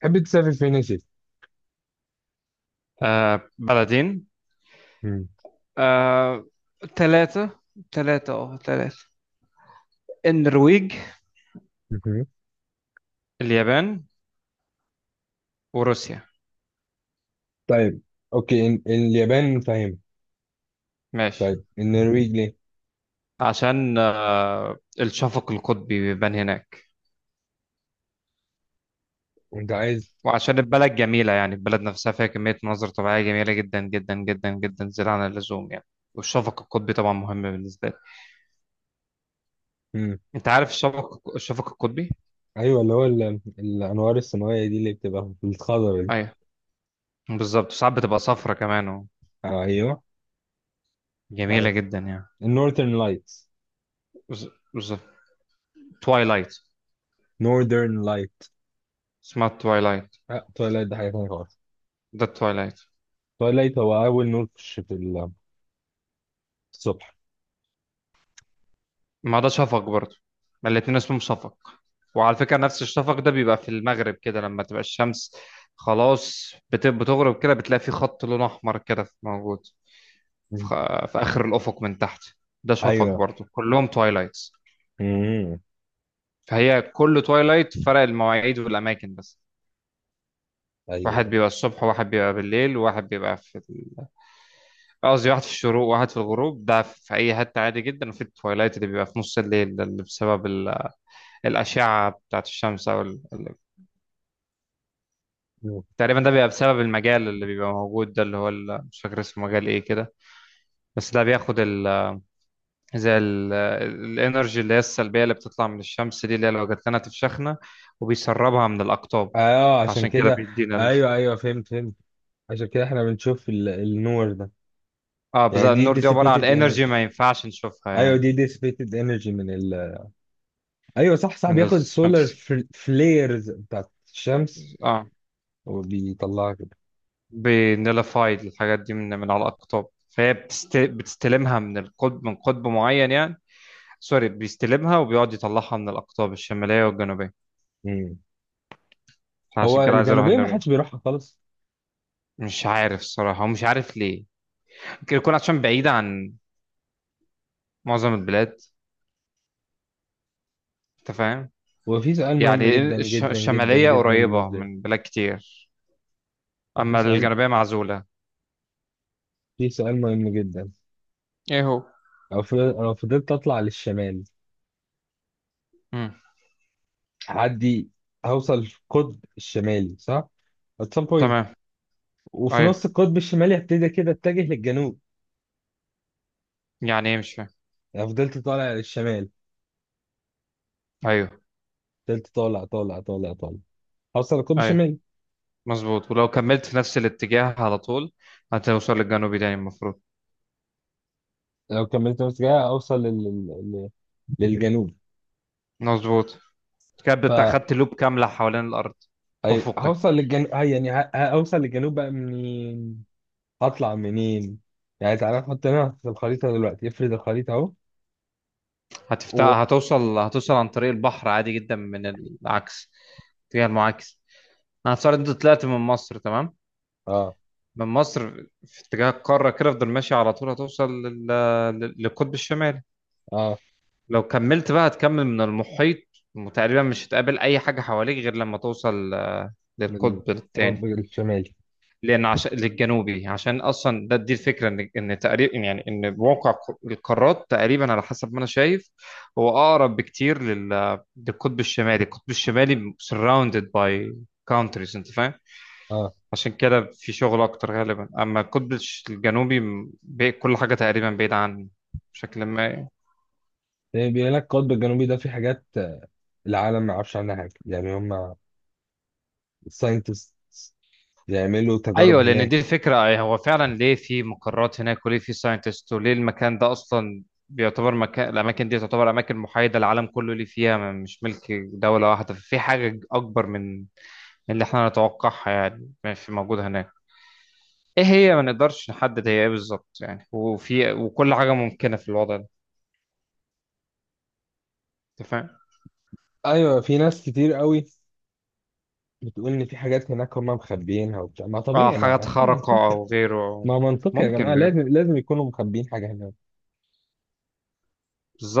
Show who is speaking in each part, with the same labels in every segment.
Speaker 1: تحب تسافر فين يا سيدي؟
Speaker 2: بلدين.
Speaker 1: مم.
Speaker 2: آه ثلاثة ثلاثة. النرويج،
Speaker 1: مهم.
Speaker 2: اليابان، وروسيا.
Speaker 1: طيب اوكي اليابان فاهم.
Speaker 2: ماشي.
Speaker 1: طيب النرويج ليه؟
Speaker 2: عشان الشفق القطبي بيبان هناك،
Speaker 1: انت عايز.
Speaker 2: وعشان البلد جميلة، يعني البلد نفسها فيها كمية مناظر طبيعية جميلة جدا جدا جدا جدا، زيادة عن اللزوم يعني. والشفق القطبي طبعا مهم بالنسبة لي.
Speaker 1: مم.
Speaker 2: انت عارف الشفق القطبي؟
Speaker 1: ايوه، اللي هو الانوار السماويه دي اللي بتبقى في الخضره دي.
Speaker 2: ايوه، بالظبط. ساعات بتبقى صفرة كمان،
Speaker 1: آه، ايوه.
Speaker 2: جميلة
Speaker 1: عارف
Speaker 2: جدا يعني.
Speaker 1: النورثرن لايتس.
Speaker 2: بالظبط. توايلايت.
Speaker 1: نورثرن لايت.
Speaker 2: اسمها توايلايت.
Speaker 1: اه تويلايت ده حاجه ثانيه خالص.
Speaker 2: ده التوايلايت.
Speaker 1: تويلايت هو اول نور في الصبح.
Speaker 2: ما ده شفق برضه، ما الاتنين اسمهم شفق. وعلى فكرة نفس الشفق ده بيبقى في المغرب، كده لما تبقى الشمس خلاص بتغرب، كده بتلاقي في خط لون أحمر كده موجود في
Speaker 1: مم.
Speaker 2: آخر الأفق من تحت. ده شفق
Speaker 1: ايوه.
Speaker 2: برضه، كلهم توايلايتس.
Speaker 1: مم.
Speaker 2: فهي كل توايلايت، فرق المواعيد والأماكن بس. واحد
Speaker 1: ايوه.
Speaker 2: بيبقى الصبح، وواحد بيبقى بالليل، وواحد بيبقى في قصدي واحد في الشروق، وواحد في الغروب، ده في أي حتة عادي جدا. وفي التوايلايت اللي بيبقى في نص الليل ده، اللي بسبب الأشعة بتاعت الشمس، أو
Speaker 1: مم.
Speaker 2: تقريبا ده بيبقى بسبب المجال اللي بيبقى موجود ده، اللي هو مش فاكر اسمه، مجال ايه كده. بس ده بياخد زي الانرجي اللي هي السلبية اللي بتطلع من الشمس دي، اللي هي لو جات لنا تفشخنا، وبيسربها من الأقطاب.
Speaker 1: اه، عشان
Speaker 2: فعشان كده
Speaker 1: كده.
Speaker 2: بيدينا ال...
Speaker 1: ايوه ايوه، فهمت فهمت. عشان كده احنا بنشوف النور ده.
Speaker 2: اه، بس
Speaker 1: يعني دي
Speaker 2: النور دي عبارة
Speaker 1: dissipated
Speaker 2: عن انرجي، ما
Speaker 1: energy.
Speaker 2: ينفعش نشوفها
Speaker 1: ايوه
Speaker 2: يعني.
Speaker 1: دي ديسيبيتد انرجي من ال. ايوه صح صح،
Speaker 2: من
Speaker 1: بياخد سولار
Speaker 2: الشمس.
Speaker 1: فليرز بتاعت الشمس
Speaker 2: اه،
Speaker 1: وبيطلعها كده.
Speaker 2: بنلفايد الحاجات دي من على الأقطاب، فهي بتستلمها من القطب، من قطب معين يعني. سوري، بيستلمها وبيقعد يطلعها من الأقطاب الشمالية والجنوبية.
Speaker 1: مم.
Speaker 2: فعشان
Speaker 1: هو
Speaker 2: كده عايز أروح
Speaker 1: الجنوبية ما
Speaker 2: النرويج.
Speaker 1: حدش بيروحها خالص.
Speaker 2: مش عارف الصراحة، ومش عارف ليه. ممكن يكون عشان بعيدة عن معظم البلاد. أنت فاهم؟
Speaker 1: وفي سؤال مهم
Speaker 2: يعني
Speaker 1: جدا جدا جدا
Speaker 2: الشمالية
Speaker 1: جدا
Speaker 2: قريبة
Speaker 1: بالنسبة
Speaker 2: من بلاد كتير،
Speaker 1: لي، في
Speaker 2: أما
Speaker 1: سؤال،
Speaker 2: الجنوبية معزولة.
Speaker 1: في سؤال مهم جدا.
Speaker 2: ايه هو؟
Speaker 1: لو فضلت اطلع للشمال،
Speaker 2: مم.
Speaker 1: هعدي، هوصل القطب الشمالي صح؟ At some point.
Speaker 2: تمام.
Speaker 1: وفي نص
Speaker 2: أيوه.
Speaker 1: القطب الشمالي هبتدي كده اتجه للجنوب.
Speaker 2: يعني إيه؟ مش فاهم.
Speaker 1: يعني فضلت طالع للشمال،
Speaker 2: أيوه.
Speaker 1: فضلت طالع طالع طالع طالع، هوصل القطب
Speaker 2: أيوه
Speaker 1: الشمالي.
Speaker 2: مظبوط. ولو كملت في نفس الاتجاه على طول هتوصل للجنوبي تاني المفروض.
Speaker 1: لو كملت نفس كده اوصل لل لل للجنوب.
Speaker 2: مظبوط. كده
Speaker 1: ف،
Speaker 2: أنت أخدت لوب كاملة حوالين الأرض. أفقي.
Speaker 1: هوصل للجنوب. يعني هوصل للجنوب بقى منين؟ هطلع منين؟ يعني تعالى نحط هنا في الخريطة دلوقتي، افرد الخريطة اهو.
Speaker 2: هتفتح،
Speaker 1: و،
Speaker 2: هتوصل عن طريق البحر عادي جدا من العكس، اتجاه المعاكس. انا هتصور انت طلعت من مصر، تمام.
Speaker 1: اه
Speaker 2: من مصر في اتجاه القاره كده، افضل ماشي على طول، هتوصل للقطب الشمالي.
Speaker 1: اه،
Speaker 2: لو كملت بقى هتكمل من المحيط، وتقريبا مش هتقابل اي حاجه حواليك غير لما توصل
Speaker 1: من
Speaker 2: للقطب
Speaker 1: القطب
Speaker 2: الثاني.
Speaker 1: الشمالي.
Speaker 2: لان عشان للجنوبي، عشان اصلا ده، دي الفكره، ان تقريبا يعني، ان موقع القارات تقريبا، على حسب ما انا شايف، هو اقرب بكتير للقطب الشمالي. القطب الشمالي surrounded by countries، انت فاهم؟
Speaker 1: اه.
Speaker 2: عشان كده في شغل اكتر غالبا. اما القطب الجنوبي، كل حاجه تقريبا بعيده عني بشكل ما.
Speaker 1: يعني بيقول لك القطب الجنوبي ده في حاجات العالم ما يعرفش عنها حاجة. يعني هم الساينتست بيعملوا تجارب
Speaker 2: ايوه، لان
Speaker 1: هناك.
Speaker 2: دي الفكره. أي هو فعلا ليه في مقرات هناك، وليه في ساينتست، وليه المكان ده اصلا بيعتبر مكان، الاماكن دي تعتبر اماكن محايده، العالم كله اللي فيها مش ملك دوله واحده، في حاجه اكبر من اللي احنا نتوقعها يعني. ماشي، موجوده هناك. ايه هي؟ ما نقدرش نحدد هي ايه بالظبط يعني. وفي، وكل حاجه ممكنه في الوضع ده. انت فاهم؟
Speaker 1: ايوه في ناس كتير قوي بتقول ان في حاجات هناك هم مخبيينها وبتاع. ما
Speaker 2: اه،
Speaker 1: طبيعي، ما
Speaker 2: حاجات
Speaker 1: اكيد
Speaker 2: خارقه
Speaker 1: منطقي،
Speaker 2: او غيره.
Speaker 1: ما منطقي يا جماعه،
Speaker 2: ممكن بجد.
Speaker 1: لازم لازم يكونوا مخبيين حاجه هناك.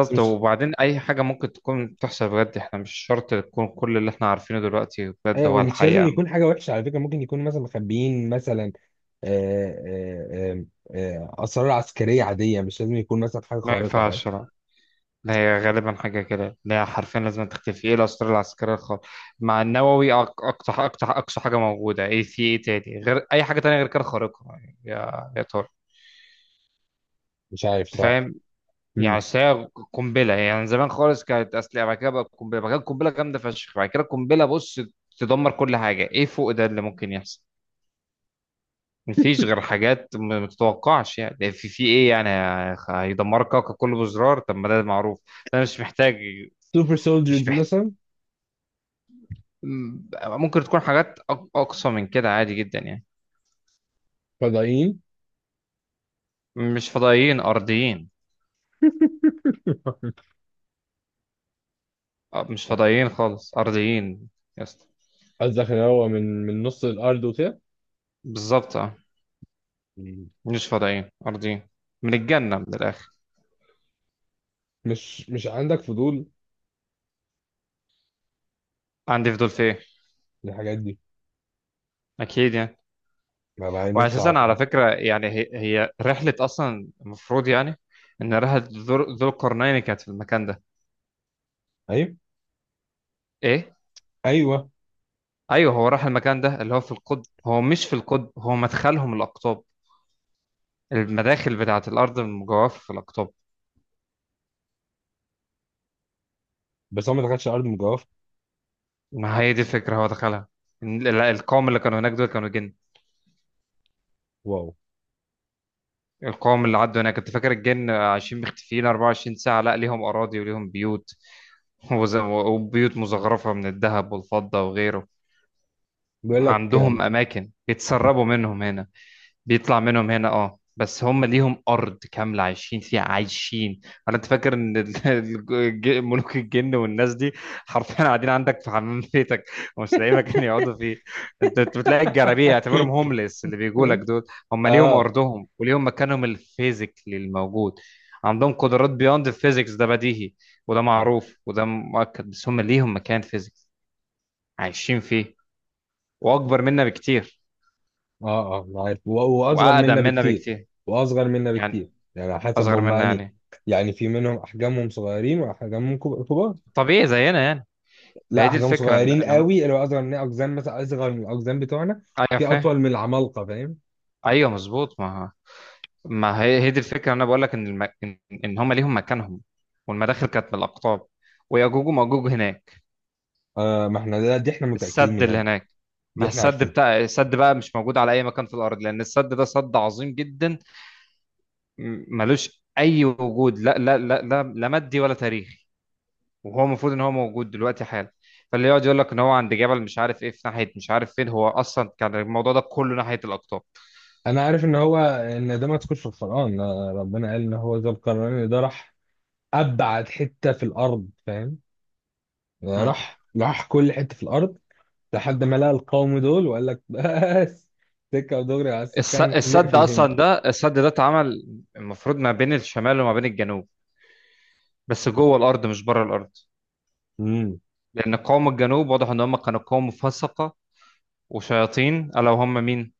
Speaker 1: بس مش،
Speaker 2: وبعدين اي حاجه ممكن تكون تحصل بجد، احنا مش شرط تكون كل اللي احنا عارفينه دلوقتي بجد
Speaker 1: ايوه
Speaker 2: هو
Speaker 1: ومش لازم
Speaker 2: الحقيقه.
Speaker 1: يكون حاجه وحشه على فكره. ممكن يكونوا مثلا مخبيين مثلا آه، آه، آه، اسرار عسكريه عاديه. مش لازم يكون مثلا حاجه
Speaker 2: ما
Speaker 1: خارقه. فاهم؟
Speaker 2: ينفعش، لا. لا، هي غالبا حاجه كده، لا حرفيا لازم تختفي. ايه الاسرار العسكريه الخاصه مع النووي؟ اقصى اقصى اقصى حاجه موجوده. ايه في ايه تاني غير اي حاجه تانية غير كده خارقه يعني يا ترى؟
Speaker 1: مش عارف،
Speaker 2: أنت
Speaker 1: صح.
Speaker 2: فاهم؟ يعني
Speaker 1: مم.
Speaker 2: أصل هي قنبله يعني، زمان خالص كانت اسلحه، بعد كده بقى قنبله، بعد كده قنبله جامده فشخ، بعد كده قنبله بص تدمر كل حاجه. ايه فوق ده اللي ممكن يحصل؟ مفيش غير حاجات ما تتوقعش يعني. في ايه يعني؟ هيدمرك كوكب كله بزرار، طب ما ده معروف، ده مش محتاج.
Speaker 1: سوبر
Speaker 2: مش
Speaker 1: سولجرز
Speaker 2: محتاج.
Speaker 1: مثلا.
Speaker 2: ممكن تكون حاجات اقصى من كده عادي جدا يعني.
Speaker 1: فضائيين.
Speaker 2: مش فضائيين، ارضيين. أه، مش فضائيين خالص، ارضيين. يا اسطى.
Speaker 1: قصدك ان هو من نص الارض وكده.
Speaker 2: بالظبط اه.
Speaker 1: مم.
Speaker 2: مش فضائيين، ارضيين. من الجنة، من الاخر.
Speaker 1: مش عندك فضول
Speaker 2: عندي فضول في ايه؟
Speaker 1: للحاجات دي؟
Speaker 2: اكيد يعني.
Speaker 1: ما بقى نفسي
Speaker 2: واساسا
Speaker 1: اعرف
Speaker 2: على
Speaker 1: اه.
Speaker 2: فكرة يعني هي, رحلة اصلا المفروض يعني ان رحلة ذو القرنين كانت في المكان ده.
Speaker 1: ايوه
Speaker 2: ايه.
Speaker 1: ايوه،
Speaker 2: ايوه هو راح المكان ده، اللي هو في القطب. هو مش في القطب، هو مدخلهم الاقطاب. المداخل بتاعه الارض المجوفه في الاقطاب.
Speaker 1: بس هو ما دخلش ارض مجوفه.
Speaker 2: ما هي دي الفكره، هو دخلها. إن القوم اللي كانوا هناك دول كانوا جن.
Speaker 1: واو.
Speaker 2: القوم اللي عدوا هناك، كنت فاكر الجن عايشين مختفيين 24 ساعه؟ لا، ليهم اراضي وليهم بيوت، وبيوت مزخرفه من الذهب والفضه وغيره.
Speaker 1: بيقول لك.
Speaker 2: عندهم اماكن بيتسربوا منهم هنا، بيطلع منهم هنا، اه. بس هم ليهم ارض كامله عايشين فيها، عايشين. انت فاكر ان ملوك الجن والناس دي حرفيا قاعدين عندك في حمام بيتك، ومش لاقيين مكان يقعدوا فيه؟ أنت بتلاقي الجرابيع، اعتبرهم هومليس اللي بيجوا لك دول. هم ليهم
Speaker 1: اه اه
Speaker 2: ارضهم وليهم مكانهم الفيزيكلي الموجود. عندهم قدرات بيوند الفيزيكس، ده بديهي وده معروف وده مؤكد. بس هم ليهم مكان فيزيكس عايشين فيه، واكبر منا بكتير.
Speaker 1: اه، أنا عارف واصغر
Speaker 2: واقدم
Speaker 1: منا
Speaker 2: منا
Speaker 1: بكتير.
Speaker 2: بكتير.
Speaker 1: واصغر منا
Speaker 2: يعني
Speaker 1: بكتير. يعني على حسب
Speaker 2: اصغر
Speaker 1: هم
Speaker 2: منا
Speaker 1: اني،
Speaker 2: يعني،
Speaker 1: يعني في منهم احجامهم صغيرين واحجامهم كبار.
Speaker 2: طبيعي زينا يعني.
Speaker 1: لا،
Speaker 2: فهي دي
Speaker 1: احجامهم
Speaker 2: الفكره ان
Speaker 1: صغيرين
Speaker 2: ان هم.
Speaker 1: قوي اللي هو اصغر من اقزام مثلا، اصغر من الاقزام بتوعنا.
Speaker 2: ايوه
Speaker 1: في
Speaker 2: فاهم.
Speaker 1: اطول من العمالقه. فاهم؟
Speaker 2: ايوه مظبوط. ما هي هي دي الفكره، انا بقول لك ان ان هم ليهم مكانهم، والمداخل كانت من الاقطاب. ويأجوج ومأجوج هناك.
Speaker 1: آه، ما احنا ده دي احنا متاكدين
Speaker 2: السد
Speaker 1: منها
Speaker 2: اللي
Speaker 1: دي,
Speaker 2: هناك.
Speaker 1: دي
Speaker 2: ما
Speaker 1: احنا
Speaker 2: السد
Speaker 1: عارفينها.
Speaker 2: بتاع السد بقى مش موجود على اي مكان في الارض، لان السد ده سد عظيم جدا، ملوش اي وجود، لا لا لا لا, لا مادي ولا تاريخي. وهو المفروض ان هو موجود دلوقتي حالا. فاللي يقعد يقول لك ان هو عند جبل، مش عارف ايه في ناحيه، مش عارف فين، هو اصلا كان الموضوع ده كله ناحيه الاقطاب.
Speaker 1: انا عارف ان هو ان ده ما تكونش في القران. ربنا قال ان هو ذو القرنين ده راح ابعد حته في الارض. فاهم؟ راح راح كل حتة في الأرض لحد ما لقى القوم دول وقال لك بس، سكة ودغري على السكان، احنا
Speaker 2: السد
Speaker 1: نقفل هنا.
Speaker 2: اصلا ده، السد ده اتعمل المفروض ما بين الشمال وما بين الجنوب، بس جوه الارض مش بره الارض.
Speaker 1: امم.
Speaker 2: لان قوم الجنوب واضح ان هم كانوا قوم فسقه وشياطين. الا وهم مين؟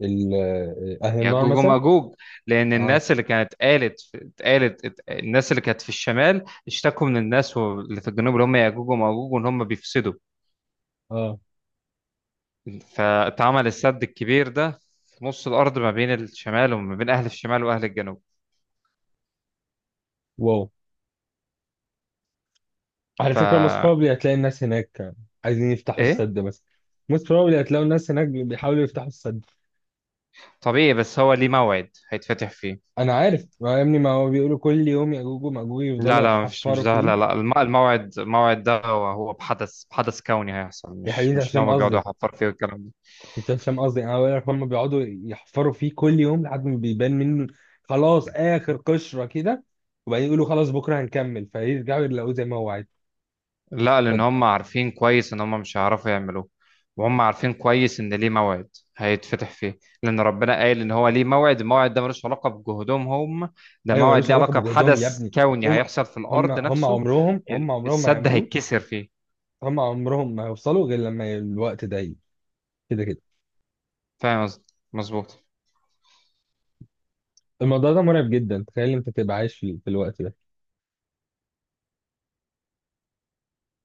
Speaker 1: أهل النار
Speaker 2: ياجوج
Speaker 1: مثلا.
Speaker 2: وماجوج. لان
Speaker 1: اه
Speaker 2: الناس اللي كانت قالت اتقالت الناس اللي كانت في الشمال اشتكوا من الناس اللي في الجنوب اللي هم ياجوج وماجوج، وان هم بيفسدوا.
Speaker 1: اه.
Speaker 2: فاتعمل السد الكبير ده في نص الارض، ما بين الشمال وما بين اهل الشمال واهل الجنوب.
Speaker 1: واو. على
Speaker 2: ف.
Speaker 1: فكرة most probably هتلاقي الناس هناك عايزين يفتحوا
Speaker 2: ايه.
Speaker 1: السد مثلا. Most probably هتلاقوا الناس هناك بيحاولوا يفتحوا السد.
Speaker 2: طبيعي، بس هو ليه موعد هيتفتح فيه.
Speaker 1: أنا عارف، ما يا ابني ما هو بيقولوا كل يوم يأجوج ومأجوج
Speaker 2: لا
Speaker 1: يفضلوا
Speaker 2: لا، مش
Speaker 1: يحفروا
Speaker 2: ده. لا
Speaker 1: فيه.
Speaker 2: لا، الموعد. الموعد ده هو هو بحدث كوني هيحصل،
Speaker 1: يا
Speaker 2: مش
Speaker 1: حبيبي
Speaker 2: مش ان
Speaker 1: هشام
Speaker 2: هم بيقعدوا
Speaker 1: قصدي،
Speaker 2: يحفروا فيه والكلام ده.
Speaker 1: كنت هشام قصدي، انا بقول لك هم بيقعدوا يحفروا فيه كل يوم لحد ما بيبان منه، خلاص اخر قشره كده. وبعدين يقولوا خلاص بكره هنكمل، فيرجعوا يلاقوه زي ما هو عايز.
Speaker 2: لا،
Speaker 1: ف،
Speaker 2: لان هم عارفين كويس ان هم مش هيعرفوا يعملوه، وهم عارفين كويس ان ليه موعد هيتفتح فيه. لان ربنا قال ان هو ليه موعد. الموعد ده ملوش علاقه بجهودهم هم. ده
Speaker 1: ايوه
Speaker 2: موعد
Speaker 1: ملوش
Speaker 2: ليه
Speaker 1: علاقه
Speaker 2: علاقه
Speaker 1: بجهدهم يا
Speaker 2: بحدث
Speaker 1: ابني.
Speaker 2: كوني
Speaker 1: هم
Speaker 2: هيحصل في
Speaker 1: هم
Speaker 2: الارض
Speaker 1: هم
Speaker 2: نفسه.
Speaker 1: عمرهم هم عمرهم ما
Speaker 2: السد
Speaker 1: يعملوه.
Speaker 2: هيتكسر فيه.
Speaker 1: هم عمرهم ما هيوصلوا غير لما الوقت ده يجي. كده كده.
Speaker 2: فاهم قصدي؟ مظبوط.
Speaker 1: الموضوع ده مرعب جدا. تخيل انت تبقى عايش في الوقت ده.